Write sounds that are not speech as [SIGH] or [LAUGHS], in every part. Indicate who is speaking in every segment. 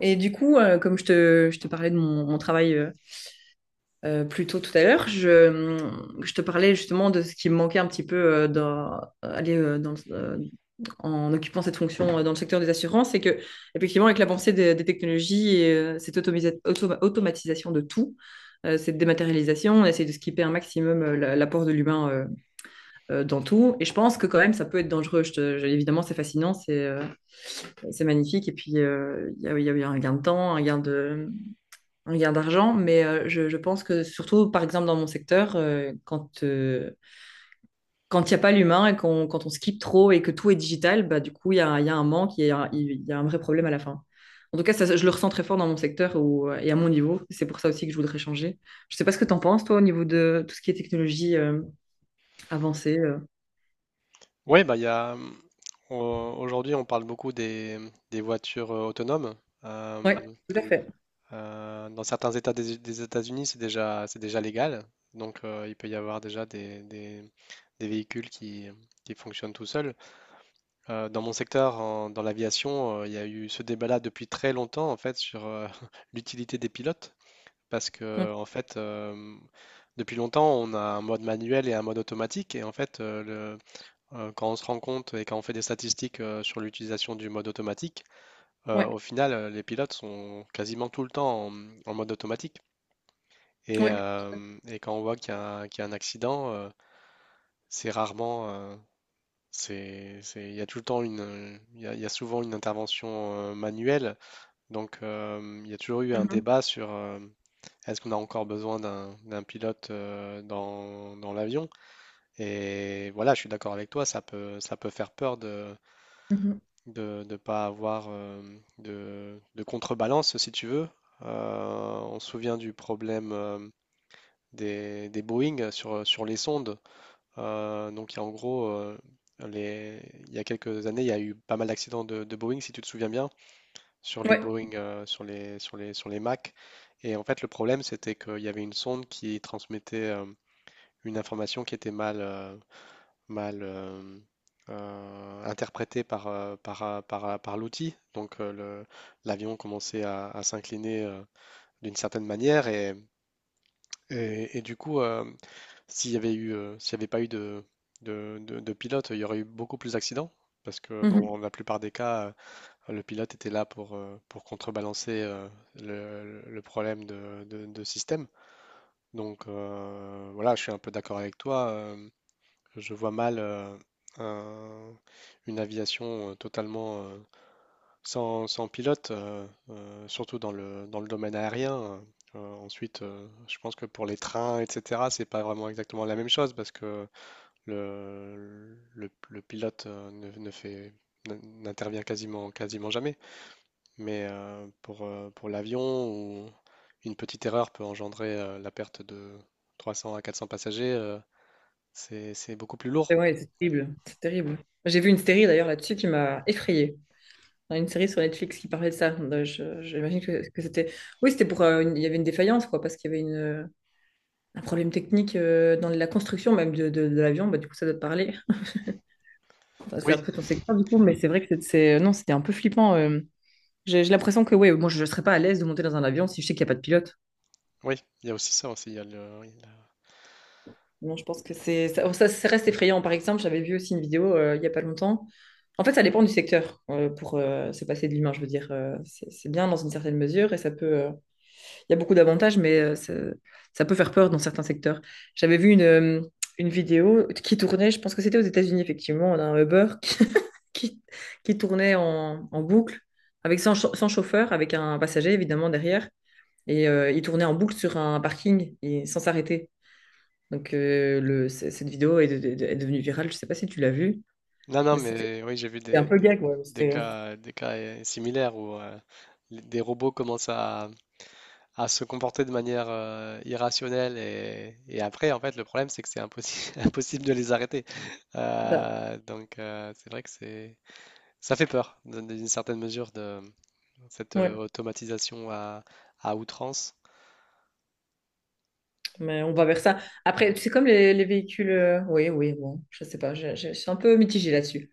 Speaker 1: Et du coup, comme je te parlais de mon travail plus tôt tout à l'heure, je te parlais justement de ce qui me manquait un petit peu dans, aller, dans en occupant cette fonction dans le secteur des assurances, c'est que effectivement, avec l'avancée des technologies et cette automatisation de tout, cette dématérialisation, on essaie de skipper un maximum l'apport de l'humain dans tout. Et je pense que quand même, ça peut être dangereux. Évidemment, c'est fascinant, c'est magnifique. Et puis, il y a eu un gain de temps, un gain d'argent, mais je pense que surtout, par exemple, dans mon secteur, quand il n'y a pas l'humain quand on skip trop et que tout est digital, bah, du coup, il y a un manque, il y a un vrai problème à la fin. En tout cas, ça, je le ressens très fort dans mon secteur ou et à mon niveau. C'est pour ça aussi que je voudrais changer. Je ne sais pas ce que tu en penses, toi, au niveau de tout ce qui est technologie avancée.
Speaker 2: Oui, bah, il y a, au- aujourd'hui, on parle beaucoup des voitures autonomes.
Speaker 1: Ouais,
Speaker 2: Euh,
Speaker 1: tout à fait.
Speaker 2: Dans certains États des États-Unis, c'est déjà légal. Donc, il peut y avoir déjà des véhicules qui fonctionnent tout seuls. Dans mon secteur, dans l'aviation, il y a eu ce débat-là depuis très longtemps, en fait, sur [LAUGHS] l'utilité des pilotes. Parce
Speaker 1: Mm.
Speaker 2: que, en fait, depuis longtemps, on a un mode manuel et un mode automatique. Et en fait, quand on se rend compte et quand on fait des statistiques sur l'utilisation du mode automatique, au
Speaker 1: Ouais,
Speaker 2: final, les pilotes sont quasiment tout le temps en mode automatique. Et,
Speaker 1: ouais.
Speaker 2: euh, et quand on voit qu'il y a un accident, c'est rarement, il y a tout le temps une, il y a souvent une intervention manuelle. Donc, il y a toujours eu un
Speaker 1: Mhm.
Speaker 2: débat sur est-ce qu'on a encore besoin d'un pilote dans l'avion? Et voilà, je suis d'accord avec toi, ça peut faire peur
Speaker 1: Mhm.
Speaker 2: de ne pas avoir de contrebalance, si tu veux. On se souvient du problème des Boeing sur les sondes. Donc, les, il y a quelques années, il y a eu pas mal d'accidents de Boeing, si tu te souviens bien, sur les
Speaker 1: Ouais.
Speaker 2: Boeing, sur les Mac. Et en fait, le problème, c'était qu'il y avait une sonde qui transmettait une information qui était mal, mal interprété par l'outil. Donc l'avion commençait à s'incliner d'une certaine manière et du coup, s'il y avait pas eu de pilote, il y aurait eu beaucoup plus d'accidents parce que
Speaker 1: Mhm.
Speaker 2: dans la plupart des cas, le pilote était là pour contrebalancer le problème de système. Donc voilà, je suis un peu d'accord avec toi. Je vois mal un- une aviation totalement sans pilote, surtout dans le domaine aérien, hein. Ensuite, je pense que pour les trains, etc., c'est pas vraiment exactement la même chose parce que le pilote ne, ne fait, n- n'intervient quasiment jamais. Mais pour l'avion, où une petite erreur peut engendrer la perte de 300 à 400 passagers, c'est beaucoup plus
Speaker 1: Et
Speaker 2: lourd.
Speaker 1: ouais, c'est terrible. C'est terrible. J'ai vu une série d'ailleurs là-dessus qui m'a effrayée. Dans une série sur Netflix qui parlait de ça. Donc, j'imagine que, c'était. Oui, c'était pour. Il y avait une défaillance, quoi, parce qu'il y avait un problème technique dans la construction même de l'avion. Bah, du coup, ça doit te parler. [LAUGHS] Enfin, c'est un
Speaker 2: Oui,
Speaker 1: peu ton secteur, du coup, mais c'est vrai que non, c'était un peu flippant. J'ai l'impression que, ouais, moi, je ne serais pas à l'aise de monter dans un avion si je sais qu'il n'y a pas de pilote.
Speaker 2: Oui, il y a aussi ça aussi. Il y a oui,
Speaker 1: Non, je pense que c'est. Ça reste effrayant. Par exemple, j'avais vu aussi une vidéo il n'y a pas longtemps. En fait, ça dépend du secteur pour se passer de l'humain, je veux dire. C'est bien dans une certaine mesure et ça peut. Il y a beaucoup d'avantages, mais ça peut faire peur dans certains secteurs. J'avais vu une vidéo qui tournait, je pense que c'était aux États-Unis, effectivement, d'un Uber [LAUGHS] qui, qui tournait en boucle, avec sans, cha- sans chauffeur, avec un passager, évidemment, derrière. Et il tournait en boucle sur un parking et sans s'arrêter. Donc, cette vidéo est devenue virale. Je ne sais pas si tu l'as vue,
Speaker 2: non, non,
Speaker 1: mais
Speaker 2: mais oui, j'ai vu
Speaker 1: c'était un peu gag, ouais. Mais c'était
Speaker 2: des cas similaires où des robots commencent à se comporter de manière irrationnelle et après, en fait, le problème, c'est que c'est impossible, [LAUGHS] impossible de les arrêter.
Speaker 1: ça.
Speaker 2: Donc, c'est vrai que c'est, ça fait peur, dans une certaine mesure, de cette
Speaker 1: Ouais.
Speaker 2: automatisation à outrance.
Speaker 1: Mais on va vers ça. Après, c'est comme les véhicules. Oui, oui, bon, je sais pas. Je suis un peu mitigée là-dessus.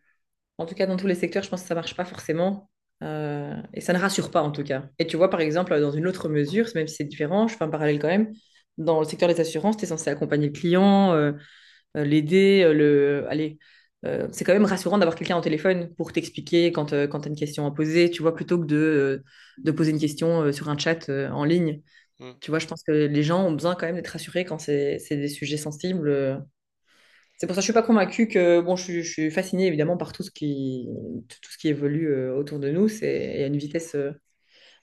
Speaker 1: En tout cas, dans tous les secteurs, je pense que ça marche pas forcément. Et ça ne rassure pas, en tout cas. Et tu vois, par exemple, dans une autre mesure, même si c'est différent, je fais un parallèle quand même. Dans le secteur des assurances, tu es censé accompagner le client, l'aider, le. Allez. C'est quand même rassurant d'avoir quelqu'un au téléphone pour t'expliquer quand tu as une question à poser, tu vois, plutôt que de poser une question sur un chat en ligne.
Speaker 2: Mm.
Speaker 1: Tu vois, je pense que les gens ont besoin quand même d'être rassurés quand c'est des sujets sensibles. C'est pour ça que je suis pas convaincue que, bon, je suis fascinée évidemment par tout ce qui évolue autour de nous. C'est à une vitesse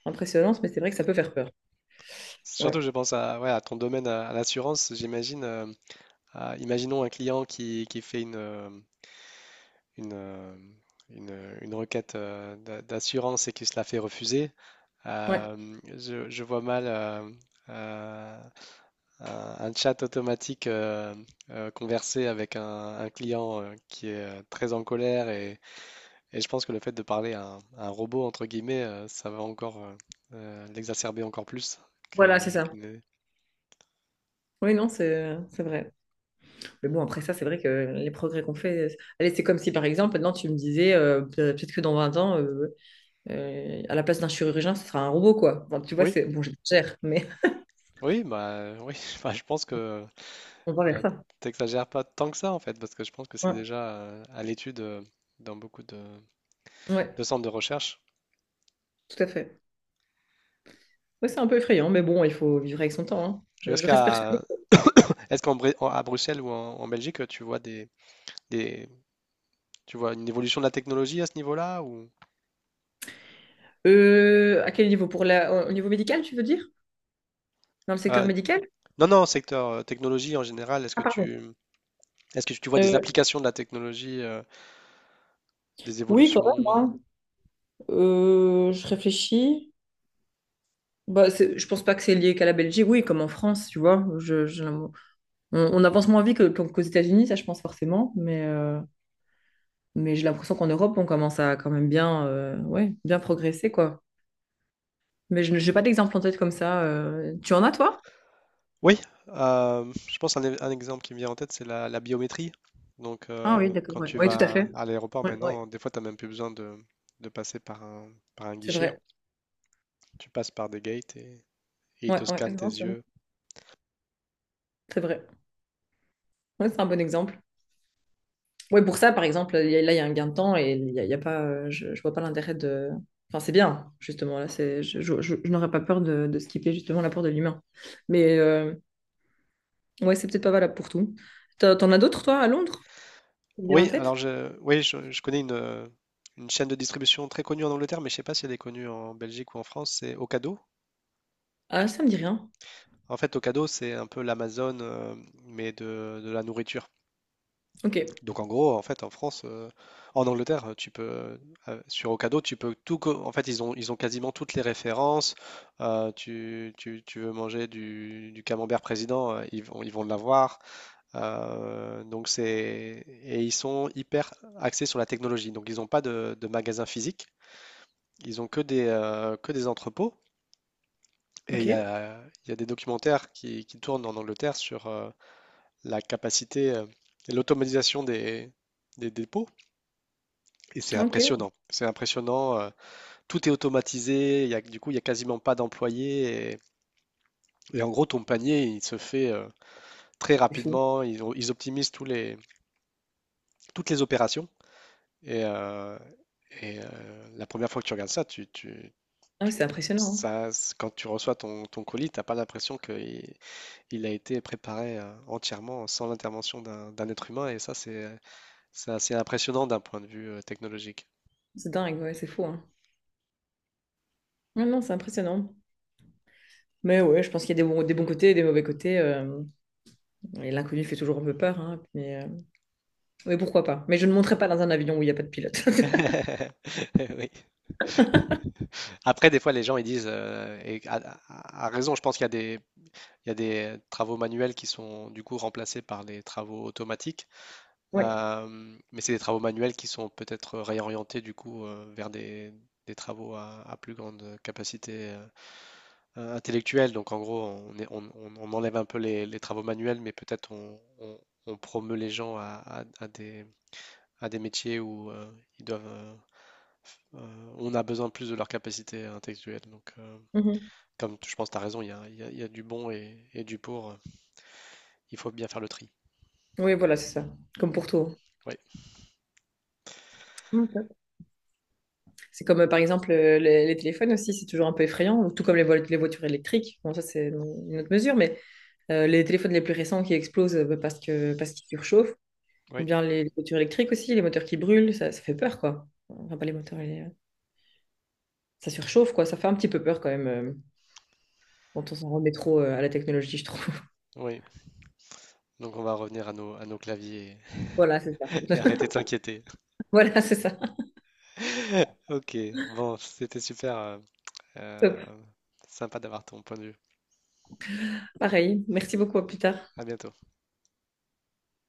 Speaker 1: impressionnante, mais c'est vrai que ça peut faire peur. Ouais.
Speaker 2: Surtout, je pense ouais, à ton domaine, à l'assurance, j'imagine. Ah, imaginons un client qui fait une, euh, une requête d'assurance et qui se la fait refuser.
Speaker 1: Ouais.
Speaker 2: Je vois mal euh, un chat automatique converser avec un client qui est très en colère et je pense que le fait de parler à un robot, entre guillemets, ça va encore l'exacerber encore plus que-
Speaker 1: Voilà, c'est ça.
Speaker 2: qu'il n'est-
Speaker 1: Oui, non, c'est vrai. Mais bon, après ça, c'est vrai que les progrès qu'on fait. Allez, c'est comme si par exemple, maintenant tu me disais, peut-être que dans 20 ans, à la place d'un chirurgien, ce sera un robot, quoi. Enfin, tu vois,
Speaker 2: Oui,
Speaker 1: c'est bon, j'exagère, mais
Speaker 2: oui, bah, oui, [LAUGHS] enfin, je pense que
Speaker 1: [LAUGHS] on va vers
Speaker 2: Euh,
Speaker 1: ça.
Speaker 2: t'exagères pas tant que ça en fait, parce que je pense que c'est
Speaker 1: Ouais,
Speaker 2: déjà à l'étude dans beaucoup
Speaker 1: ouais,
Speaker 2: de centres de recherche.
Speaker 1: tout à fait. Ouais, c'est un peu effrayant, mais bon, il faut vivre avec son temps. Hein.
Speaker 2: Et
Speaker 1: Je reste persuadée.
Speaker 2: Est-ce qu'en à Bruxelles ou en Belgique, tu vois des tu vois une évolution de la technologie à ce niveau-là ou
Speaker 1: À quel niveau? Pour la, au niveau médical, tu veux dire? Dans le secteur
Speaker 2: euh,
Speaker 1: médical?
Speaker 2: non, non, secteur technologie en général,
Speaker 1: Ah, pardon.
Speaker 2: est-ce que tu vois des
Speaker 1: Euh,
Speaker 2: applications de la technologie, des
Speaker 1: oui, quand même.
Speaker 2: évolutions?
Speaker 1: Hein. Je réfléchis. Bah, je pense pas que c'est lié qu'à la Belgique. Oui, comme en France, tu vois. On avance moins vite qu'aux États-Unis, ça, je pense forcément. Mais j'ai l'impression qu'en Europe, on commence à quand même bien, ouais, bien progresser, quoi. Mais je n'ai pas d'exemple en tête comme ça. Tu en as, toi?
Speaker 2: Oui, je pense un exemple qui me vient en tête, c'est la biométrie. Donc,
Speaker 1: Ah oui, d'accord.
Speaker 2: quand
Speaker 1: Ouais.
Speaker 2: tu
Speaker 1: Oui, tout à
Speaker 2: vas
Speaker 1: fait.
Speaker 2: à l'aéroport
Speaker 1: Oui, ouais.
Speaker 2: maintenant, des fois, tu n'as même plus besoin de passer par un
Speaker 1: C'est
Speaker 2: guichet.
Speaker 1: vrai.
Speaker 2: Tu passes par des gates et ils
Speaker 1: Ouais,
Speaker 2: te
Speaker 1: ouais,
Speaker 2: scannent tes
Speaker 1: non,
Speaker 2: yeux.
Speaker 1: c'est vrai. Ouais, c'est un bon exemple. Ouais, pour ça, par exemple, là, il y a un gain de temps et il y a pas, je vois pas l'intérêt de. Enfin, c'est bien, justement. Là, c'est, je n'aurais pas peur de skipper justement l'apport de l'humain. Mais ouais, c'est peut-être pas valable pour tout. T'en as d'autres, toi, à Londres? Qui te viennent en
Speaker 2: Oui, alors
Speaker 1: tête?
Speaker 2: oui, je connais une chaîne de distribution très connue en Angleterre, mais je ne sais pas si elle est connue en Belgique ou en France, c'est Ocado.
Speaker 1: Ah, ça me dit rien.
Speaker 2: En fait, Ocado, c'est un peu l'Amazon, mais de la nourriture.
Speaker 1: Ok,
Speaker 2: Donc en gros, en fait, en Angleterre, tu peux sur Ocado, tu peux tout. Co- En fait, ils ont quasiment toutes les références. Tu veux manger du camembert président, ils vont l'avoir. Donc c'est Et ils sont hyper axés sur la technologie. Donc ils n'ont pas de magasin physique. Ils ont que des entrepôts. Et
Speaker 1: ok,
Speaker 2: il y a des documentaires qui tournent en Angleterre sur la capacité, et l'automatisation des dépôts. Et c'est
Speaker 1: ok.
Speaker 2: impressionnant. C'est impressionnant. Tout est automatisé. Du coup, il n'y a quasiment pas d'employés. Et en gros, ton panier, il se fait très
Speaker 1: C'est fou.
Speaker 2: rapidement. Ils optimisent toutes les opérations. Et, euh, la première fois que tu regardes ça,
Speaker 1: Ah, ouais, c'est
Speaker 2: tu-
Speaker 1: impressionnant. Hein.
Speaker 2: quand tu reçois ton colis, t'as pas l'impression qu'il il a été préparé entièrement sans l'intervention d'un être humain. Et ça, c'est assez impressionnant d'un point de vue technologique.
Speaker 1: C'est dingue, ouais, c'est fou. Hein. Ouais, non, c'est impressionnant. Mais ouais, je pense qu'il y a des bons côtés et des mauvais côtés. Et l'inconnu fait toujours un peu peur. Hein, mais, oui, pourquoi pas. Mais je ne monterai pas dans un avion où il n'y a pas de pilote. [LAUGHS]
Speaker 2: [LAUGHS] Oui. Après, des fois, les gens ils disent, et à raison, je pense qu'il y a il y a des travaux manuels qui sont du coup remplacés par des travaux automatiques.
Speaker 1: Ouais.
Speaker 2: Euh, mais c'est des travaux manuels qui sont peut-être réorientés du coup vers des travaux à plus grande capacité intellectuelle. Donc en gros, on, est- on enlève un peu les travaux manuels, mais peut-être on promeut les gens à des métiers où ils doivent, euh, on a besoin plus de leur capacité intellectuelle. Donc,
Speaker 1: Mhm.
Speaker 2: Je pense que tu as raison. Il y a du bon et du pour. Il faut bien faire le tri.
Speaker 1: Oui, voilà, c'est ça. Comme pour tout.
Speaker 2: Oui,
Speaker 1: Ok. C'est comme, par exemple, les téléphones aussi, c'est toujours un peu effrayant, tout comme les voitures électriques. Bon, ça, c'est dans une autre mesure, mais les téléphones les plus récents qui explosent parce que, parce qu'ils surchauffent, ou
Speaker 2: oui,
Speaker 1: bien les voitures électriques aussi, les moteurs qui brûlent, ça fait peur, quoi. Enfin, pas les moteurs, ça surchauffe, quoi. Ça fait un petit peu peur quand même, quand on s'en remet trop à la technologie, je trouve. [LAUGHS]
Speaker 2: oui. Donc on va revenir à nos claviers,
Speaker 1: Voilà, c'est ça.
Speaker 2: [LAUGHS] et arrêter de
Speaker 1: [LAUGHS]
Speaker 2: s'inquiéter.
Speaker 1: Voilà, c'est ça.
Speaker 2: [LAUGHS] Ok, bon, c'était super.
Speaker 1: Top.
Speaker 2: Euh, Sympa d'avoir ton point de vue.
Speaker 1: Pareil. Merci beaucoup, à plus tard.
Speaker 2: À bientôt.